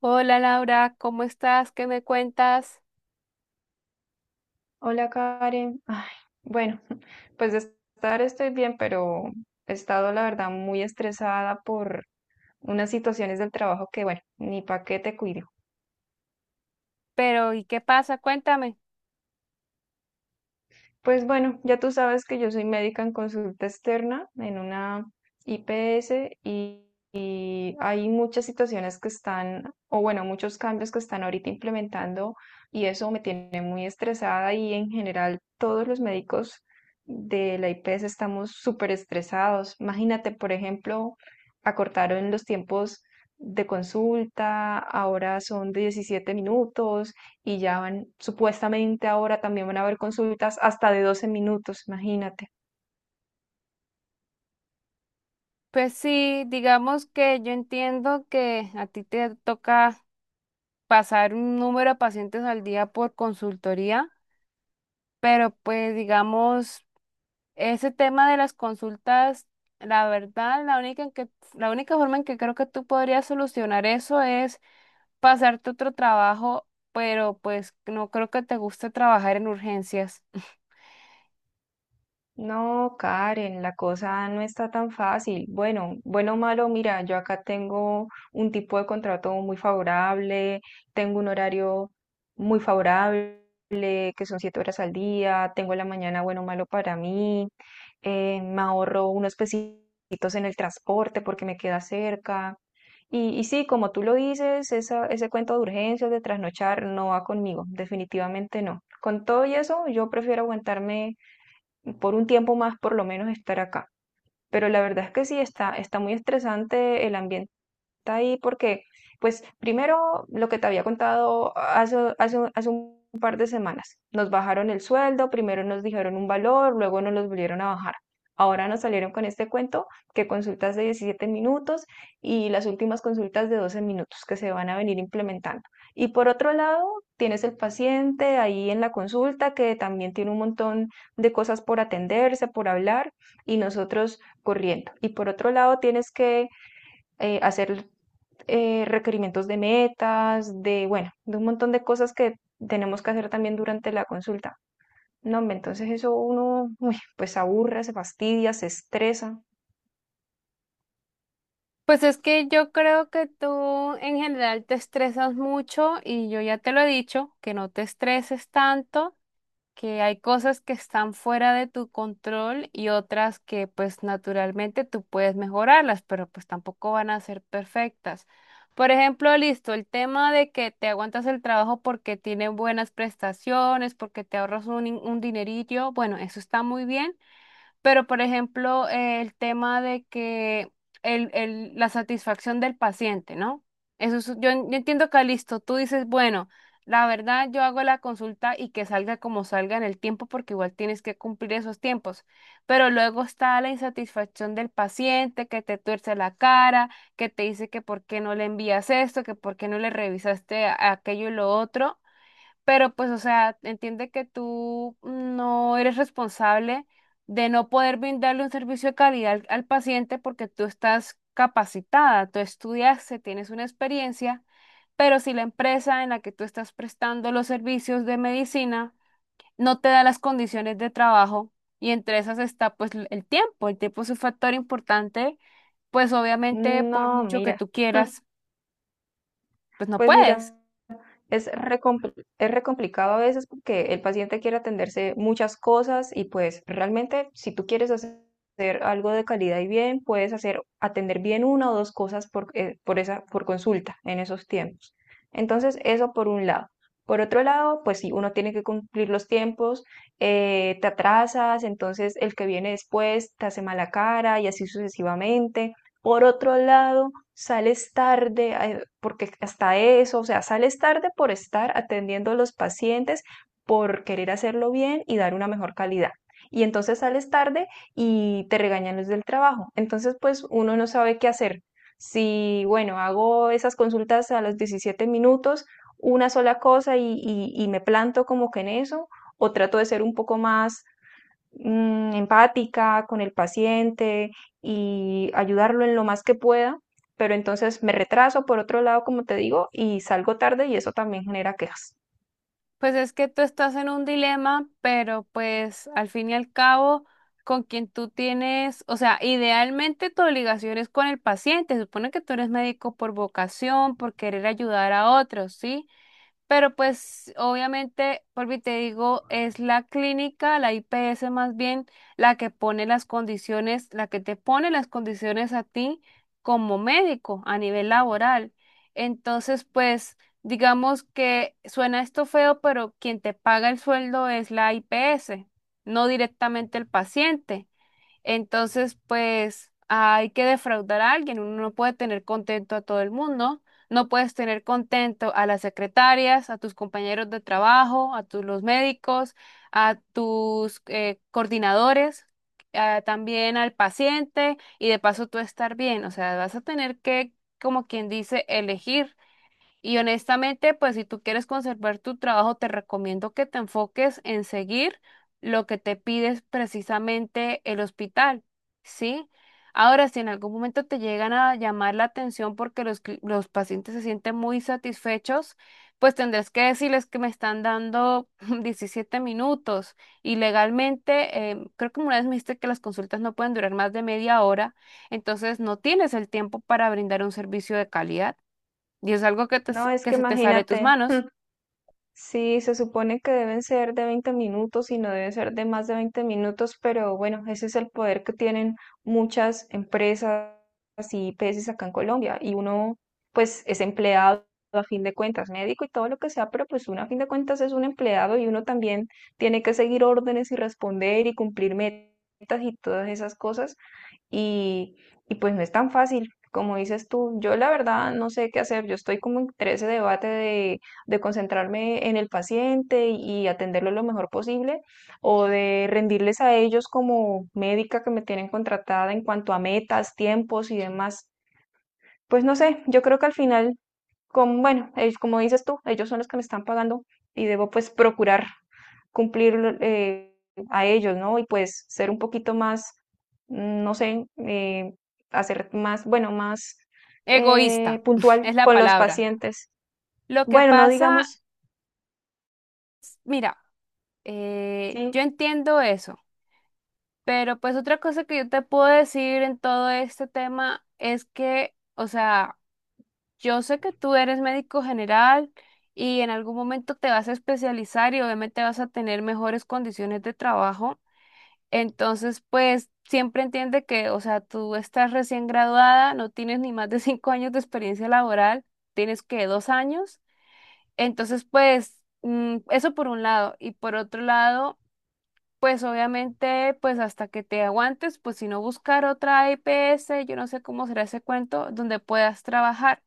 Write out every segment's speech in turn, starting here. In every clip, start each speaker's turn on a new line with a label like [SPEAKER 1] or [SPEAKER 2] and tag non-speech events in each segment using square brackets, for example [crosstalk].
[SPEAKER 1] Hola Laura, ¿cómo estás? ¿Qué me cuentas?
[SPEAKER 2] Hola Karen. Ay, bueno, [laughs] pues de estar estoy bien, pero he estado la verdad muy estresada por unas situaciones del trabajo que, bueno, ni pa' qué te cuido.
[SPEAKER 1] Pero, ¿y qué pasa? Cuéntame.
[SPEAKER 2] Pues bueno, ya tú sabes que yo soy médica en consulta externa en una IPS y hay muchas situaciones que están, o bueno, muchos cambios que están ahorita implementando y eso me tiene muy estresada y en general todos los médicos de la IPS estamos súper estresados. Imagínate, por ejemplo, acortaron los tiempos de consulta, ahora son de 17 minutos y ya van, supuestamente ahora también van a haber consultas hasta de 12 minutos, imagínate.
[SPEAKER 1] Pues sí, digamos que yo entiendo que a ti te toca pasar un número de pacientes al día por consultoría, pero pues digamos, ese tema de las consultas, la verdad, la única forma en que creo que tú podrías solucionar eso es pasarte otro trabajo, pero pues no creo que te guste trabajar en urgencias.
[SPEAKER 2] No, Karen, la cosa no está tan fácil. Bueno, bueno o malo, mira, yo acá tengo un tipo de contrato muy favorable, tengo un horario muy favorable, que son 7 horas al día, tengo la mañana bueno o malo para mí, me ahorro unos pesitos en el transporte porque me queda cerca. Y sí, como tú lo dices, esa, ese cuento de urgencias, de trasnochar, no va conmigo, definitivamente no. Con todo y eso, yo prefiero aguantarme por un tiempo más por lo menos estar acá. Pero la verdad es que sí está, está muy estresante el ambiente está ahí porque, pues, primero lo que te había contado hace un par de semanas, nos bajaron el sueldo, primero nos dijeron un valor, luego nos los volvieron a bajar. Ahora nos salieron con este cuento que consultas de 17 minutos y las últimas consultas de 12 minutos que se van a venir implementando. Y por otro lado, tienes el paciente ahí en la consulta que también tiene un montón de cosas por atenderse, por hablar y nosotros corriendo. Y por otro lado, tienes que hacer requerimientos de metas, de, bueno, de un montón de cosas que tenemos que hacer también durante la consulta. No, hombre, entonces eso uno, [laughs] uy, pues se aburre, se fastidia, se estresa.
[SPEAKER 1] Pues es que yo creo que tú en general te estresas mucho y yo ya te lo he dicho, que no te estreses tanto, que hay cosas que están fuera de tu control y otras que pues naturalmente tú puedes mejorarlas, pero pues tampoco van a ser perfectas. Por ejemplo, listo, el tema de que te aguantas el trabajo porque tiene buenas prestaciones, porque te ahorras un dinerillo, bueno, eso está muy bien pero, por ejemplo, el tema de que la satisfacción del paciente, ¿no? Eso es- yo, en- yo entiendo, que listo. Tú dices, bueno, la verdad yo hago la consulta y que salga como salga en el tiempo porque igual tienes que cumplir esos tiempos. Pero luego está la insatisfacción del paciente que te tuerce la cara, que te dice que por qué no le envías esto, que por qué no le revisaste a- aquello y lo otro. Pero pues, o sea, entiende que tú no eres responsable de no poder brindarle un servicio de calidad al paciente porque tú estás capacitada, tú estudiaste, tienes una experiencia, pero si la empresa en la que tú estás prestando los servicios de medicina no te da las condiciones de trabajo y entre esas está pues l- el tiempo es un factor importante, pues obviamente por
[SPEAKER 2] No,
[SPEAKER 1] mucho que
[SPEAKER 2] mira,
[SPEAKER 1] tú
[SPEAKER 2] [laughs] hmm,
[SPEAKER 1] quieras, pues no
[SPEAKER 2] pues
[SPEAKER 1] puedes.
[SPEAKER 2] mira, Es re, compl- es re complicado a veces porque el paciente quiere atenderse muchas cosas y pues realmente si tú quieres hacer algo de calidad y bien, puedes hacer atender bien una o dos cosas por esa, por consulta en esos tiempos. Entonces, eso por un lado. Por otro lado, pues si uno tiene que cumplir los tiempos, te atrasas, entonces el que viene después te hace mala cara y así sucesivamente. Por otro lado, sales tarde, porque hasta eso, o sea, sales tarde por estar atendiendo a los pacientes, por querer hacerlo bien y dar una mejor calidad. Y entonces sales tarde y te regañan los del trabajo. Entonces, pues uno no sabe qué hacer. Si, bueno, hago esas consultas a los 17 minutos, una sola cosa y me planto como que en eso, o trato de ser un poco más empática con el paciente y ayudarlo en lo más que pueda, pero entonces me retraso por otro lado, como te digo, y salgo tarde y eso también genera quejas.
[SPEAKER 1] Pues es que tú estás en un dilema, pero pues al fin y al cabo, con quien tú tienes, o sea, idealmente tu obligación es con el paciente. Se supone que tú eres médico por vocación, por querer ayudar a otros, ¿sí? Pero pues obviamente, porque te digo, es la clínica, la IPS más bien, la que pone las condiciones, la que te pone las condiciones a ti como médico a nivel laboral. Entonces, pues digamos que suena esto feo, pero quien te paga el sueldo es la IPS, no directamente el paciente. Entonces, pues hay que defraudar a alguien. Uno no puede tener contento a todo el mundo. No puedes tener contento a las secretarias, a tus compañeros de trabajo, a tus los médicos, a tus coordinadores, a- también al paciente y de paso tú estar bien. O sea, vas a tener que, como quien dice, elegir. Y honestamente, pues si tú quieres conservar tu trabajo, te recomiendo que te enfoques en seguir lo que te pides precisamente el hospital, ¿sí? Ahora, si en algún momento te llegan a llamar la atención porque los pacientes se sienten muy satisfechos, pues tendrás que decirles que me están dando [laughs] 17 minutos y legalmente, creo que una vez me dijiste que las consultas no pueden durar más de media hora, entonces no tienes el tiempo para brindar un servicio de calidad. Y es algo que, te
[SPEAKER 2] No, es
[SPEAKER 1] que
[SPEAKER 2] que
[SPEAKER 1] se te sale de tus
[SPEAKER 2] imagínate.
[SPEAKER 1] manos.
[SPEAKER 2] Sí, se supone que deben ser de 20 minutos y no debe ser de más de 20 minutos, pero bueno, ese es el poder que tienen muchas empresas y IPS acá en Colombia. Y uno, pues, es empleado a fin de cuentas, médico y todo lo que sea, pero pues uno a fin de cuentas es un empleado y uno también tiene que seguir órdenes y responder y cumplir metas y todas esas cosas y, y pues no es tan fácil. Como dices tú, yo la verdad no sé qué hacer. Yo estoy como entre ese debate de concentrarme en el paciente y atenderlo lo mejor posible o de rendirles a ellos como médica que me tienen contratada en cuanto a metas, tiempos y demás. Pues no sé, yo creo que al final como, bueno, es como dices tú, ellos son los que me están pagando y debo pues procurar cumplir a ellos, ¿no? Y pues ser un poquito más, mm, no sé, hacer más, bueno, más
[SPEAKER 1] Egoísta [laughs]
[SPEAKER 2] puntual
[SPEAKER 1] es la
[SPEAKER 2] con los
[SPEAKER 1] palabra.
[SPEAKER 2] pacientes.
[SPEAKER 1] Lo que
[SPEAKER 2] Bueno, no
[SPEAKER 1] pasa,
[SPEAKER 2] digamos,
[SPEAKER 1] mira,
[SPEAKER 2] sí,
[SPEAKER 1] yo entiendo eso, pero pues otra cosa que yo te puedo decir en todo este tema es que, o sea, yo sé que tú eres médico general y en algún momento te vas a especializar y obviamente vas a tener mejores condiciones de trabajo. Entonces, pues siempre entiende que, o sea, tú estás recién graduada, no tienes ni más de [laughs] 5 años de experiencia laboral, tienes que 2 años. Entonces, pues, eso por un lado. Y por otro lado, pues obviamente, pues hasta que te aguantes, pues si no buscar otra IPS, yo no sé cómo será ese cuento, donde puedas trabajar.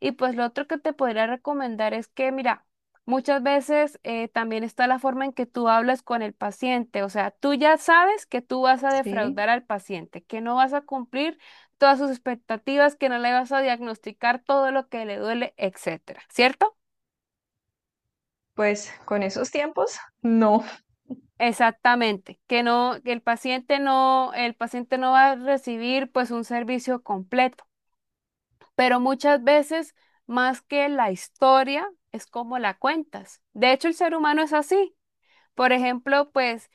[SPEAKER 1] Y pues lo otro que te podría recomendar es que, mira, muchas veces también está la forma en que tú hablas con el paciente. O sea, tú ya sabes que tú vas a
[SPEAKER 2] sí,
[SPEAKER 1] defraudar al paciente, que no vas a cumplir todas sus expectativas, que no le vas a diagnosticar todo lo que le duele, etcétera, ¿cierto?
[SPEAKER 2] pues con esos tiempos, no.
[SPEAKER 1] Exactamente, que no, que el paciente no va a recibir pues un servicio completo, pero muchas veces más que la historia es como la cuentas. De hecho, el ser humano es así. Por ejemplo, pues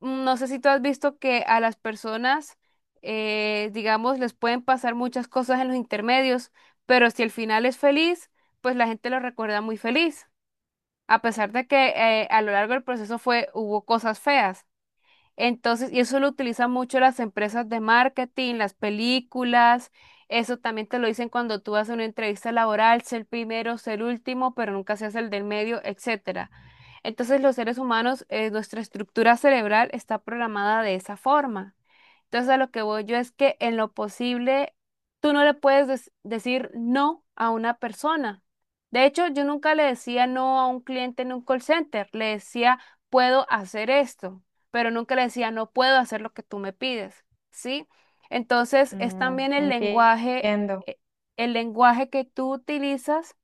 [SPEAKER 1] mm, no sé si tú has visto que a las personas, digamos, les pueden pasar muchas cosas en los intermedios, pero si el final es feliz, pues la gente lo recuerda muy feliz, a pesar de que a lo largo del proceso fue, hubo cosas feas. Entonces, y eso lo utilizan mucho las empresas de marketing, las películas. Eso también te lo dicen cuando tú haces una entrevista laboral, ser el primero, ser el último, pero nunca seas el del medio, etcétera. Entonces, los seres humanos, nuestra estructura cerebral está programada de esa forma. Entonces a lo que voy yo es que en lo posible tú no le puedes decir no a una persona. De hecho, yo nunca le decía no a un cliente en un call center, le decía puedo hacer esto, pero nunca le decía no puedo hacer lo que tú me pides, ¿sí? Entonces es
[SPEAKER 2] Mm,
[SPEAKER 1] también
[SPEAKER 2] entiendo.
[SPEAKER 1] eh, el lenguaje que tú utilizas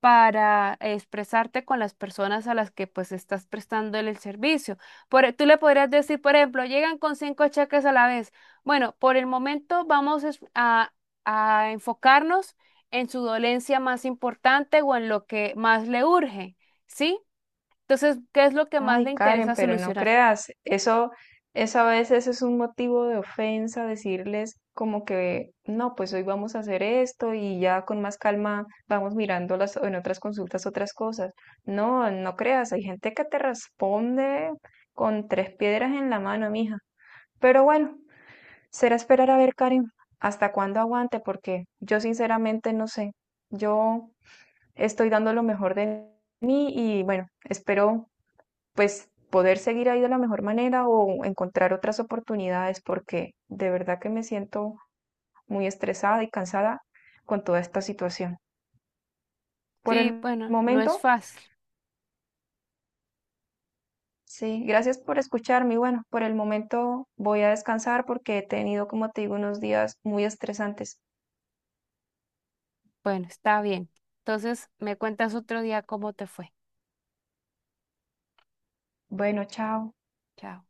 [SPEAKER 1] para expresarte con las personas a las que pues estás prestando el servicio. Por, e- tú le podrías decir, por ejemplo, llegan con 5 cheques a la vez. Bueno, por el momento a enfocarnos en su dolencia más importante o en lo que más le urge, ¿sí? Entonces, ¿qué es lo que más le
[SPEAKER 2] Ay, Karen,
[SPEAKER 1] interesa
[SPEAKER 2] pero no
[SPEAKER 1] solucionar?
[SPEAKER 2] creas, eso a veces es un motivo de ofensa, decirles como que no, pues hoy vamos a hacer esto y ya con más calma vamos mirando las, en otras consultas otras cosas. No, no creas, hay gente que te responde con tres piedras en la mano, mija. Pero bueno, será esperar a ver, Karen, hasta cuándo aguante, porque yo sinceramente no sé. Yo estoy dando lo mejor de mí y bueno, espero pues poder seguir ahí de la mejor manera o encontrar otras oportunidades porque de verdad que me siento muy estresada y cansada con toda esta situación. Por
[SPEAKER 1] Sí,
[SPEAKER 2] el
[SPEAKER 1] bueno, no es
[SPEAKER 2] momento,
[SPEAKER 1] fácil.
[SPEAKER 2] sí, gracias por escucharme y bueno, por el momento voy a descansar porque he tenido, como te digo, unos días muy estresantes.
[SPEAKER 1] Bueno, está bien. Entonces, me cuentas otro día cómo te fue.
[SPEAKER 2] Bueno, chao.
[SPEAKER 1] Chao.